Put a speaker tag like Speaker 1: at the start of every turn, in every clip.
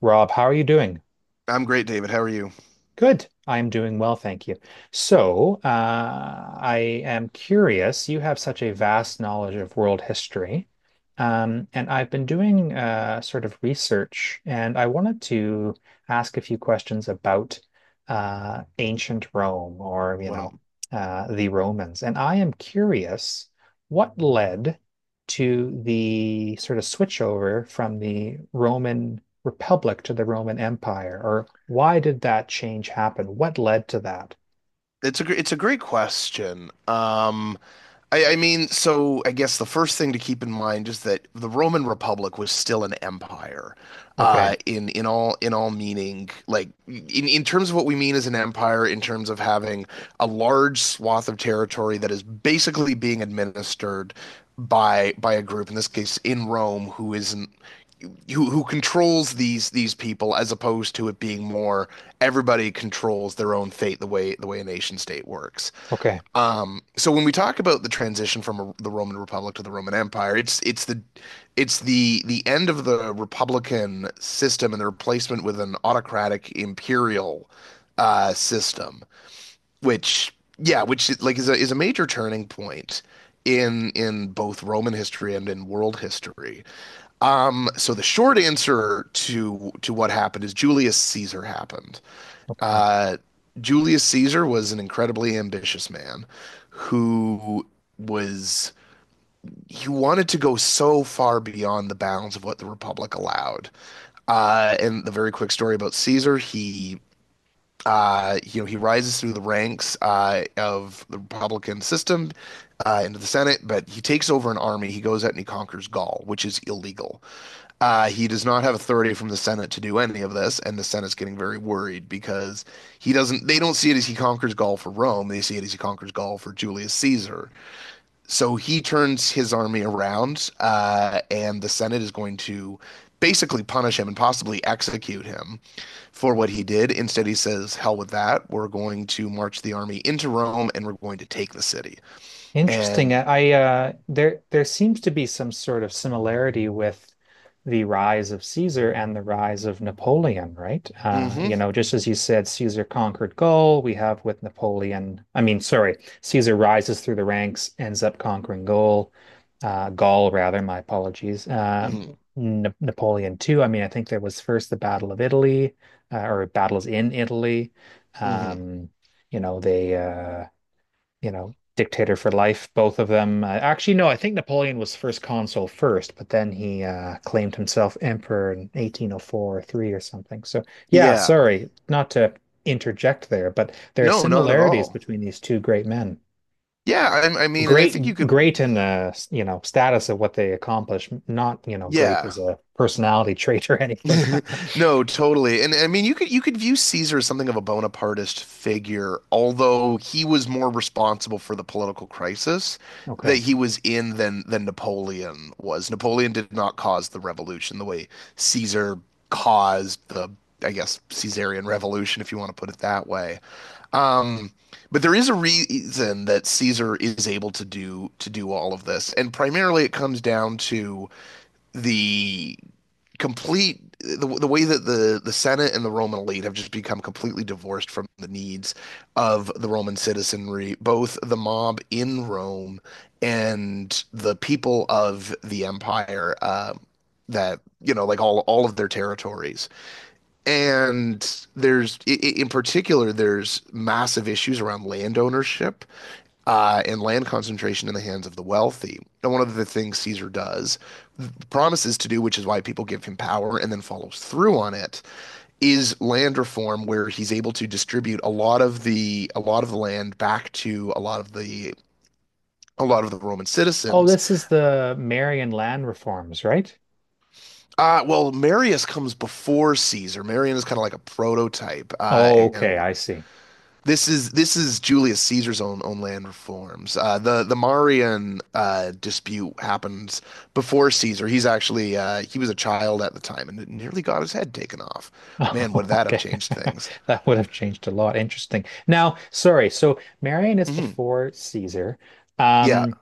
Speaker 1: Rob, how are you doing?
Speaker 2: I'm great, David. How are you?
Speaker 1: Good. I'm doing well, thank you. So I am curious. You have such a vast knowledge of world history. And I've been doing sort of research, and I wanted to ask a few questions about ancient Rome or, you
Speaker 2: One of,
Speaker 1: know, the Romans. And I am curious what led to the sort of switchover from the Roman republic to the Roman Empire? Or why did that change happen? What led to that?
Speaker 2: it's a great question. I mean, so I guess the first thing to keep in mind is that the Roman Republic was still an empire,
Speaker 1: Okay.
Speaker 2: in all meaning, like in terms of what we mean as an empire, in terms of having a large swath of territory that is basically being administered by a group, in this case in Rome, who isn't who controls these people as opposed to it being more everybody controls their own fate the way a nation state works.
Speaker 1: Okay.
Speaker 2: So when we talk about the transition from a, the Roman Republic to the Roman Empire, it's the end of the republican system and the replacement with an autocratic imperial system, which yeah, like is a major turning point in both Roman history and in world history. So the short answer to what happened is Julius Caesar happened.
Speaker 1: Okay.
Speaker 2: Uh, Julius Caesar was an incredibly ambitious man who was, he wanted to go so far beyond the bounds of what the Republic allowed. And the very quick story about Caesar, he you know, he rises through the ranks of the Republican system into the Senate, but he takes over an army. He goes out and he conquers Gaul, which is illegal. He does not have authority from the Senate to do any of this, and the Senate's getting very worried because he doesn't. They don't see it as he conquers Gaul for Rome. They see it as he conquers Gaul for Julius Caesar. So he turns his army around, and the Senate is going to basically punish him and possibly execute him for what he did. Instead, he says, "Hell with that. We're going to march the army into Rome and we're going to take the city."
Speaker 1: Interesting.
Speaker 2: And
Speaker 1: I, there seems to be some sort of similarity with the rise of Caesar and the rise of Napoleon, right?
Speaker 2: hmm
Speaker 1: You know, just as you said, Caesar conquered Gaul. We have with Napoleon. I mean, sorry, Caesar rises through the ranks, ends up conquering Gaul, Gaul rather. My apologies.
Speaker 2: hmm
Speaker 1: N Napoleon too. I mean, I think there was first the Battle of Italy, or battles in Italy.
Speaker 2: hmm
Speaker 1: Um, you know, they. You know, dictator for life. Both of them. Actually, no, I think Napoleon was first consul first, but then he claimed himself emperor in 1804 or three or something. So yeah,
Speaker 2: yeah,
Speaker 1: sorry, not to interject there, but there are
Speaker 2: no, not at
Speaker 1: similarities
Speaker 2: all.
Speaker 1: between these two great men.
Speaker 2: Yeah, I mean, and I
Speaker 1: Great,
Speaker 2: think you could,
Speaker 1: great in the, you know, status of what they accomplish, not, you know, great
Speaker 2: yeah.
Speaker 1: as a personality trait or anything.
Speaker 2: No, totally. And I mean, you could view Caesar as something of a Bonapartist figure, although he was more responsible for the political crisis that
Speaker 1: Okay.
Speaker 2: he was in than Napoleon was. Napoleon did not cause the revolution the way Caesar caused the, I guess, Caesarian revolution, if you want to put it that way. Um, but there is a reason that Caesar is able to do all of this, and primarily it comes down to the the way that the Senate and the Roman elite have just become completely divorced from the needs of the Roman citizenry, both the mob in Rome and the people of the empire that you know like all of their territories. And there's in particular there's massive issues around land ownership and land concentration in the hands of the wealthy. And one of the things Caesar does, promises to do, which is why people give him power and then follows through on it, is land reform, where he's able to distribute a lot of the land back to a lot of the Roman
Speaker 1: Oh,
Speaker 2: citizens.
Speaker 1: this is the Marian land reforms, right?
Speaker 2: Well, Marius comes before Caesar. Marius is kind of like a prototype, uh,
Speaker 1: Oh, okay,
Speaker 2: and
Speaker 1: I see.
Speaker 2: this is this is Julius Caesar's own land reforms. The Marian dispute happens before Caesar. He's actually he was a child at the time and it nearly got his head taken off. Man, would that have
Speaker 1: Okay.
Speaker 2: changed things?
Speaker 1: That would have changed a lot. Interesting. Now, sorry. So Marian is
Speaker 2: hmm
Speaker 1: before Caesar.
Speaker 2: Yeah,
Speaker 1: Um,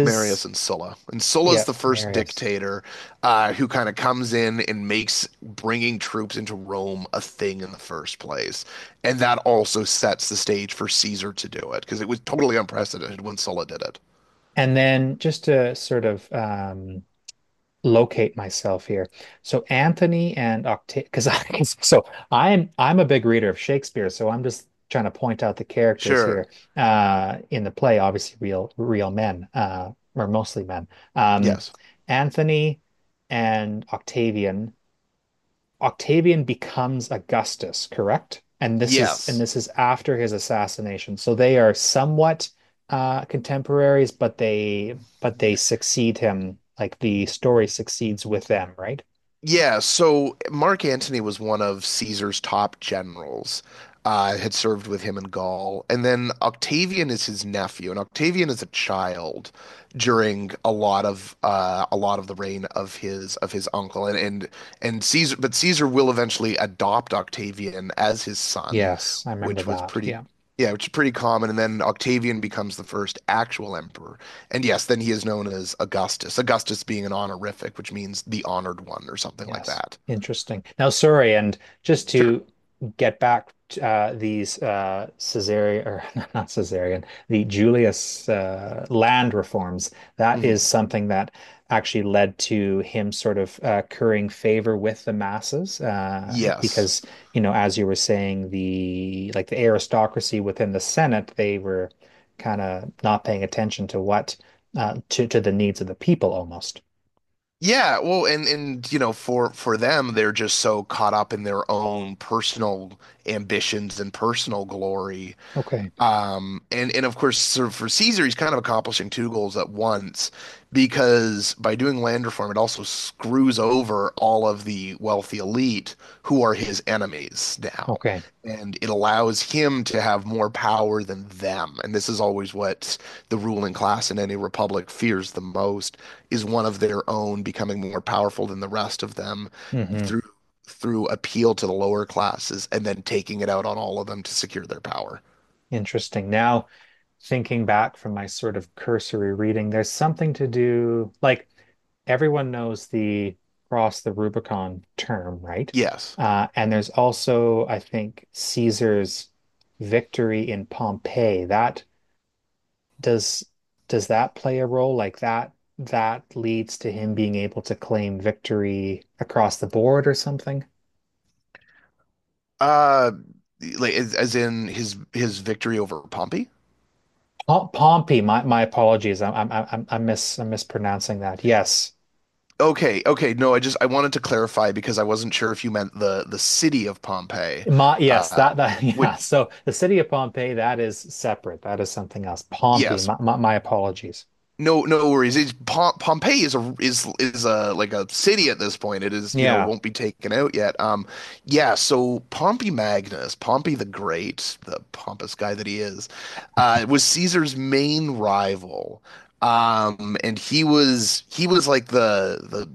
Speaker 2: Marius and Sulla. And Sulla's
Speaker 1: Yeah,
Speaker 2: the first
Speaker 1: Marius.
Speaker 2: dictator who kind of comes in and makes bringing troops into Rome a thing in the first place. And that also sets the stage for Caesar to do it because it was totally unprecedented when Sulla did it.
Speaker 1: And then just to sort of locate myself here. So Anthony and Octave, because I so I'm a big reader of Shakespeare, so I'm just trying to point out the characters here
Speaker 2: Sure.
Speaker 1: in the play. Obviously, real men or mostly men. Um,
Speaker 2: Yes.
Speaker 1: Anthony and Octavian. Octavian becomes Augustus, correct? And this is and
Speaker 2: Yes.
Speaker 1: this is after his assassination. So they are somewhat contemporaries, but they succeed him. Like the story succeeds with them, right?
Speaker 2: Yeah, so Mark Antony was one of Caesar's top generals, had served with him in Gaul. And then Octavian is his nephew, and Octavian is a child during a lot of the reign of his uncle. And Caesar but Caesar will eventually adopt Octavian as his son,
Speaker 1: Yes, I remember
Speaker 2: which was
Speaker 1: that.
Speaker 2: pretty
Speaker 1: Yeah.
Speaker 2: yeah, which is pretty common. And then Octavian becomes the first actual emperor. And yes, then he is known as Augustus. Augustus being an honorific, which means the honored one or something like
Speaker 1: Yes,
Speaker 2: that.
Speaker 1: interesting. Now, sorry, and just
Speaker 2: Sure.
Speaker 1: to get back to these Caesarian or not Caesarian, the Julius land reforms. That is
Speaker 2: Hmm.
Speaker 1: something that actually led to him sort of currying favor with the masses,
Speaker 2: Yes.
Speaker 1: because you know, as you were saying, the aristocracy within the Senate, they were kind of not paying attention to what to the needs of the people almost.
Speaker 2: Yeah, well, and you know, for them, they're just so caught up in their own personal ambitions and personal glory.
Speaker 1: Okay.
Speaker 2: And of course, sort of for Caesar, he's kind of accomplishing two goals at once because by doing land reform, it also screws over all of the wealthy elite who are his enemies now,
Speaker 1: Okay.
Speaker 2: and it allows him to have more power than them. And this is always what the ruling class in any republic fears the most is one of their own becoming more powerful than the rest of them
Speaker 1: hmm
Speaker 2: through through appeal to the lower classes and then taking it out on all of them to secure their power.
Speaker 1: Interesting. Now, thinking back from my sort of cursory reading, there's something to do, like everyone knows the cross the Rubicon term, right?
Speaker 2: Yes.
Speaker 1: And there's also, I think, Caesar's victory in Pompeii. That does does that play a role? Like that leads to him being able to claim victory across the board or something?
Speaker 2: Uh, like as in his victory over Pompey?
Speaker 1: Pompey, my apologies. I'm mispronouncing that. Yes.
Speaker 2: Okay, okay. No, I just I wanted to clarify because I wasn't sure if you meant the city of Pompeii.
Speaker 1: Yes,
Speaker 2: Uh,
Speaker 1: that that yeah.
Speaker 2: would
Speaker 1: So the city of Pompeii, that is separate. That is something else. Pompey.
Speaker 2: yes,
Speaker 1: My apologies.
Speaker 2: No, no worries. It's Pompeii is a is is a like a city at this point. It is, you know,
Speaker 1: Yeah.
Speaker 2: won't be taken out yet. Yeah. So Pompey Magnus, Pompey the Great, the pompous guy that he is, was Caesar's main rival. And he was like the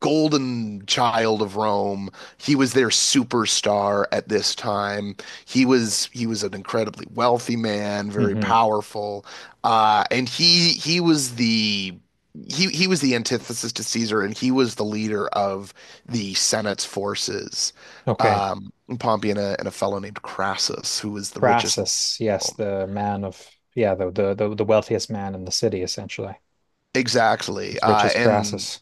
Speaker 2: golden child of Rome. He was their superstar at this time. He was an incredibly wealthy man, very
Speaker 1: hmm
Speaker 2: powerful. And he was the antithesis to Caesar, and he was the leader of the Senate's forces.
Speaker 1: Okay.
Speaker 2: Um, Pompey and a fellow named Crassus, who was the richest man
Speaker 1: Crassus.
Speaker 2: in
Speaker 1: Yes,
Speaker 2: Rome.
Speaker 1: the man of Yeah, the wealthiest man in the city, essentially,
Speaker 2: Exactly.
Speaker 1: as rich as Crassus.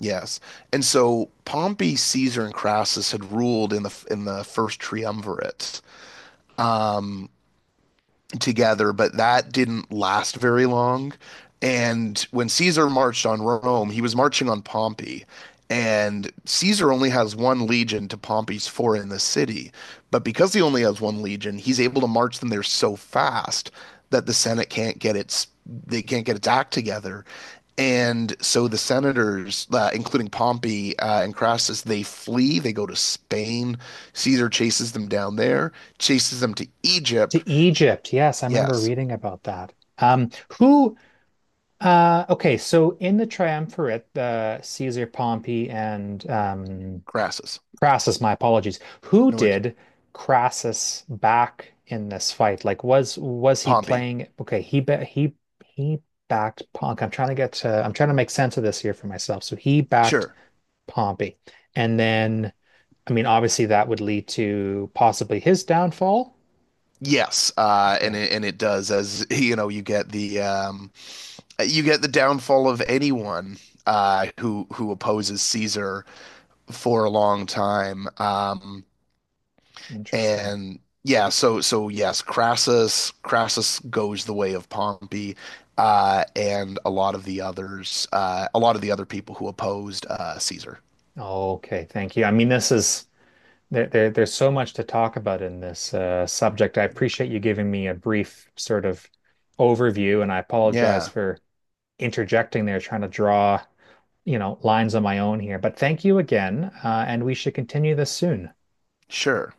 Speaker 2: yes, and so Pompey, Caesar, and Crassus had ruled in the first triumvirate together, but that didn't last very long. And when Caesar marched on Rome, he was marching on Pompey. And Caesar only has one legion to Pompey's four in the city. But because he only has one legion, he's able to march them there so fast that they can't get its act together. And so the senators, including Pompey and Crassus, they flee. They go to Spain. Caesar chases them down there, chases them to Egypt.
Speaker 1: To Egypt. Yes, I remember
Speaker 2: Yes.
Speaker 1: reading about that. Um, who? Okay. So in the triumvirate, Caesar, Pompey, and
Speaker 2: Crassus.
Speaker 1: Crassus, my apologies. Who
Speaker 2: No worries.
Speaker 1: did Crassus back in this fight? Was he
Speaker 2: Pompey.
Speaker 1: playing? Okay, he backed Pompey. I'm trying to get to, I'm trying to make sense of this here for myself. So he backed
Speaker 2: Sure.
Speaker 1: Pompey, and then I mean, obviously that would lead to possibly his downfall.
Speaker 2: Yes, and
Speaker 1: Okay,
Speaker 2: it does as you know you get the downfall of anyone who opposes Caesar for a long time, um,
Speaker 1: interesting.
Speaker 2: and yeah, so so yes, Crassus goes the way of Pompey, and a lot of the others, a lot of the other people who opposed Caesar.
Speaker 1: Okay, thank you. I mean, this is there's so much to talk about in this subject. I appreciate you giving me a brief sort of overview, and I apologize
Speaker 2: Yeah,
Speaker 1: for interjecting there, trying to draw, you know, lines on my own here. But thank you again, and we should continue this soon.
Speaker 2: sure.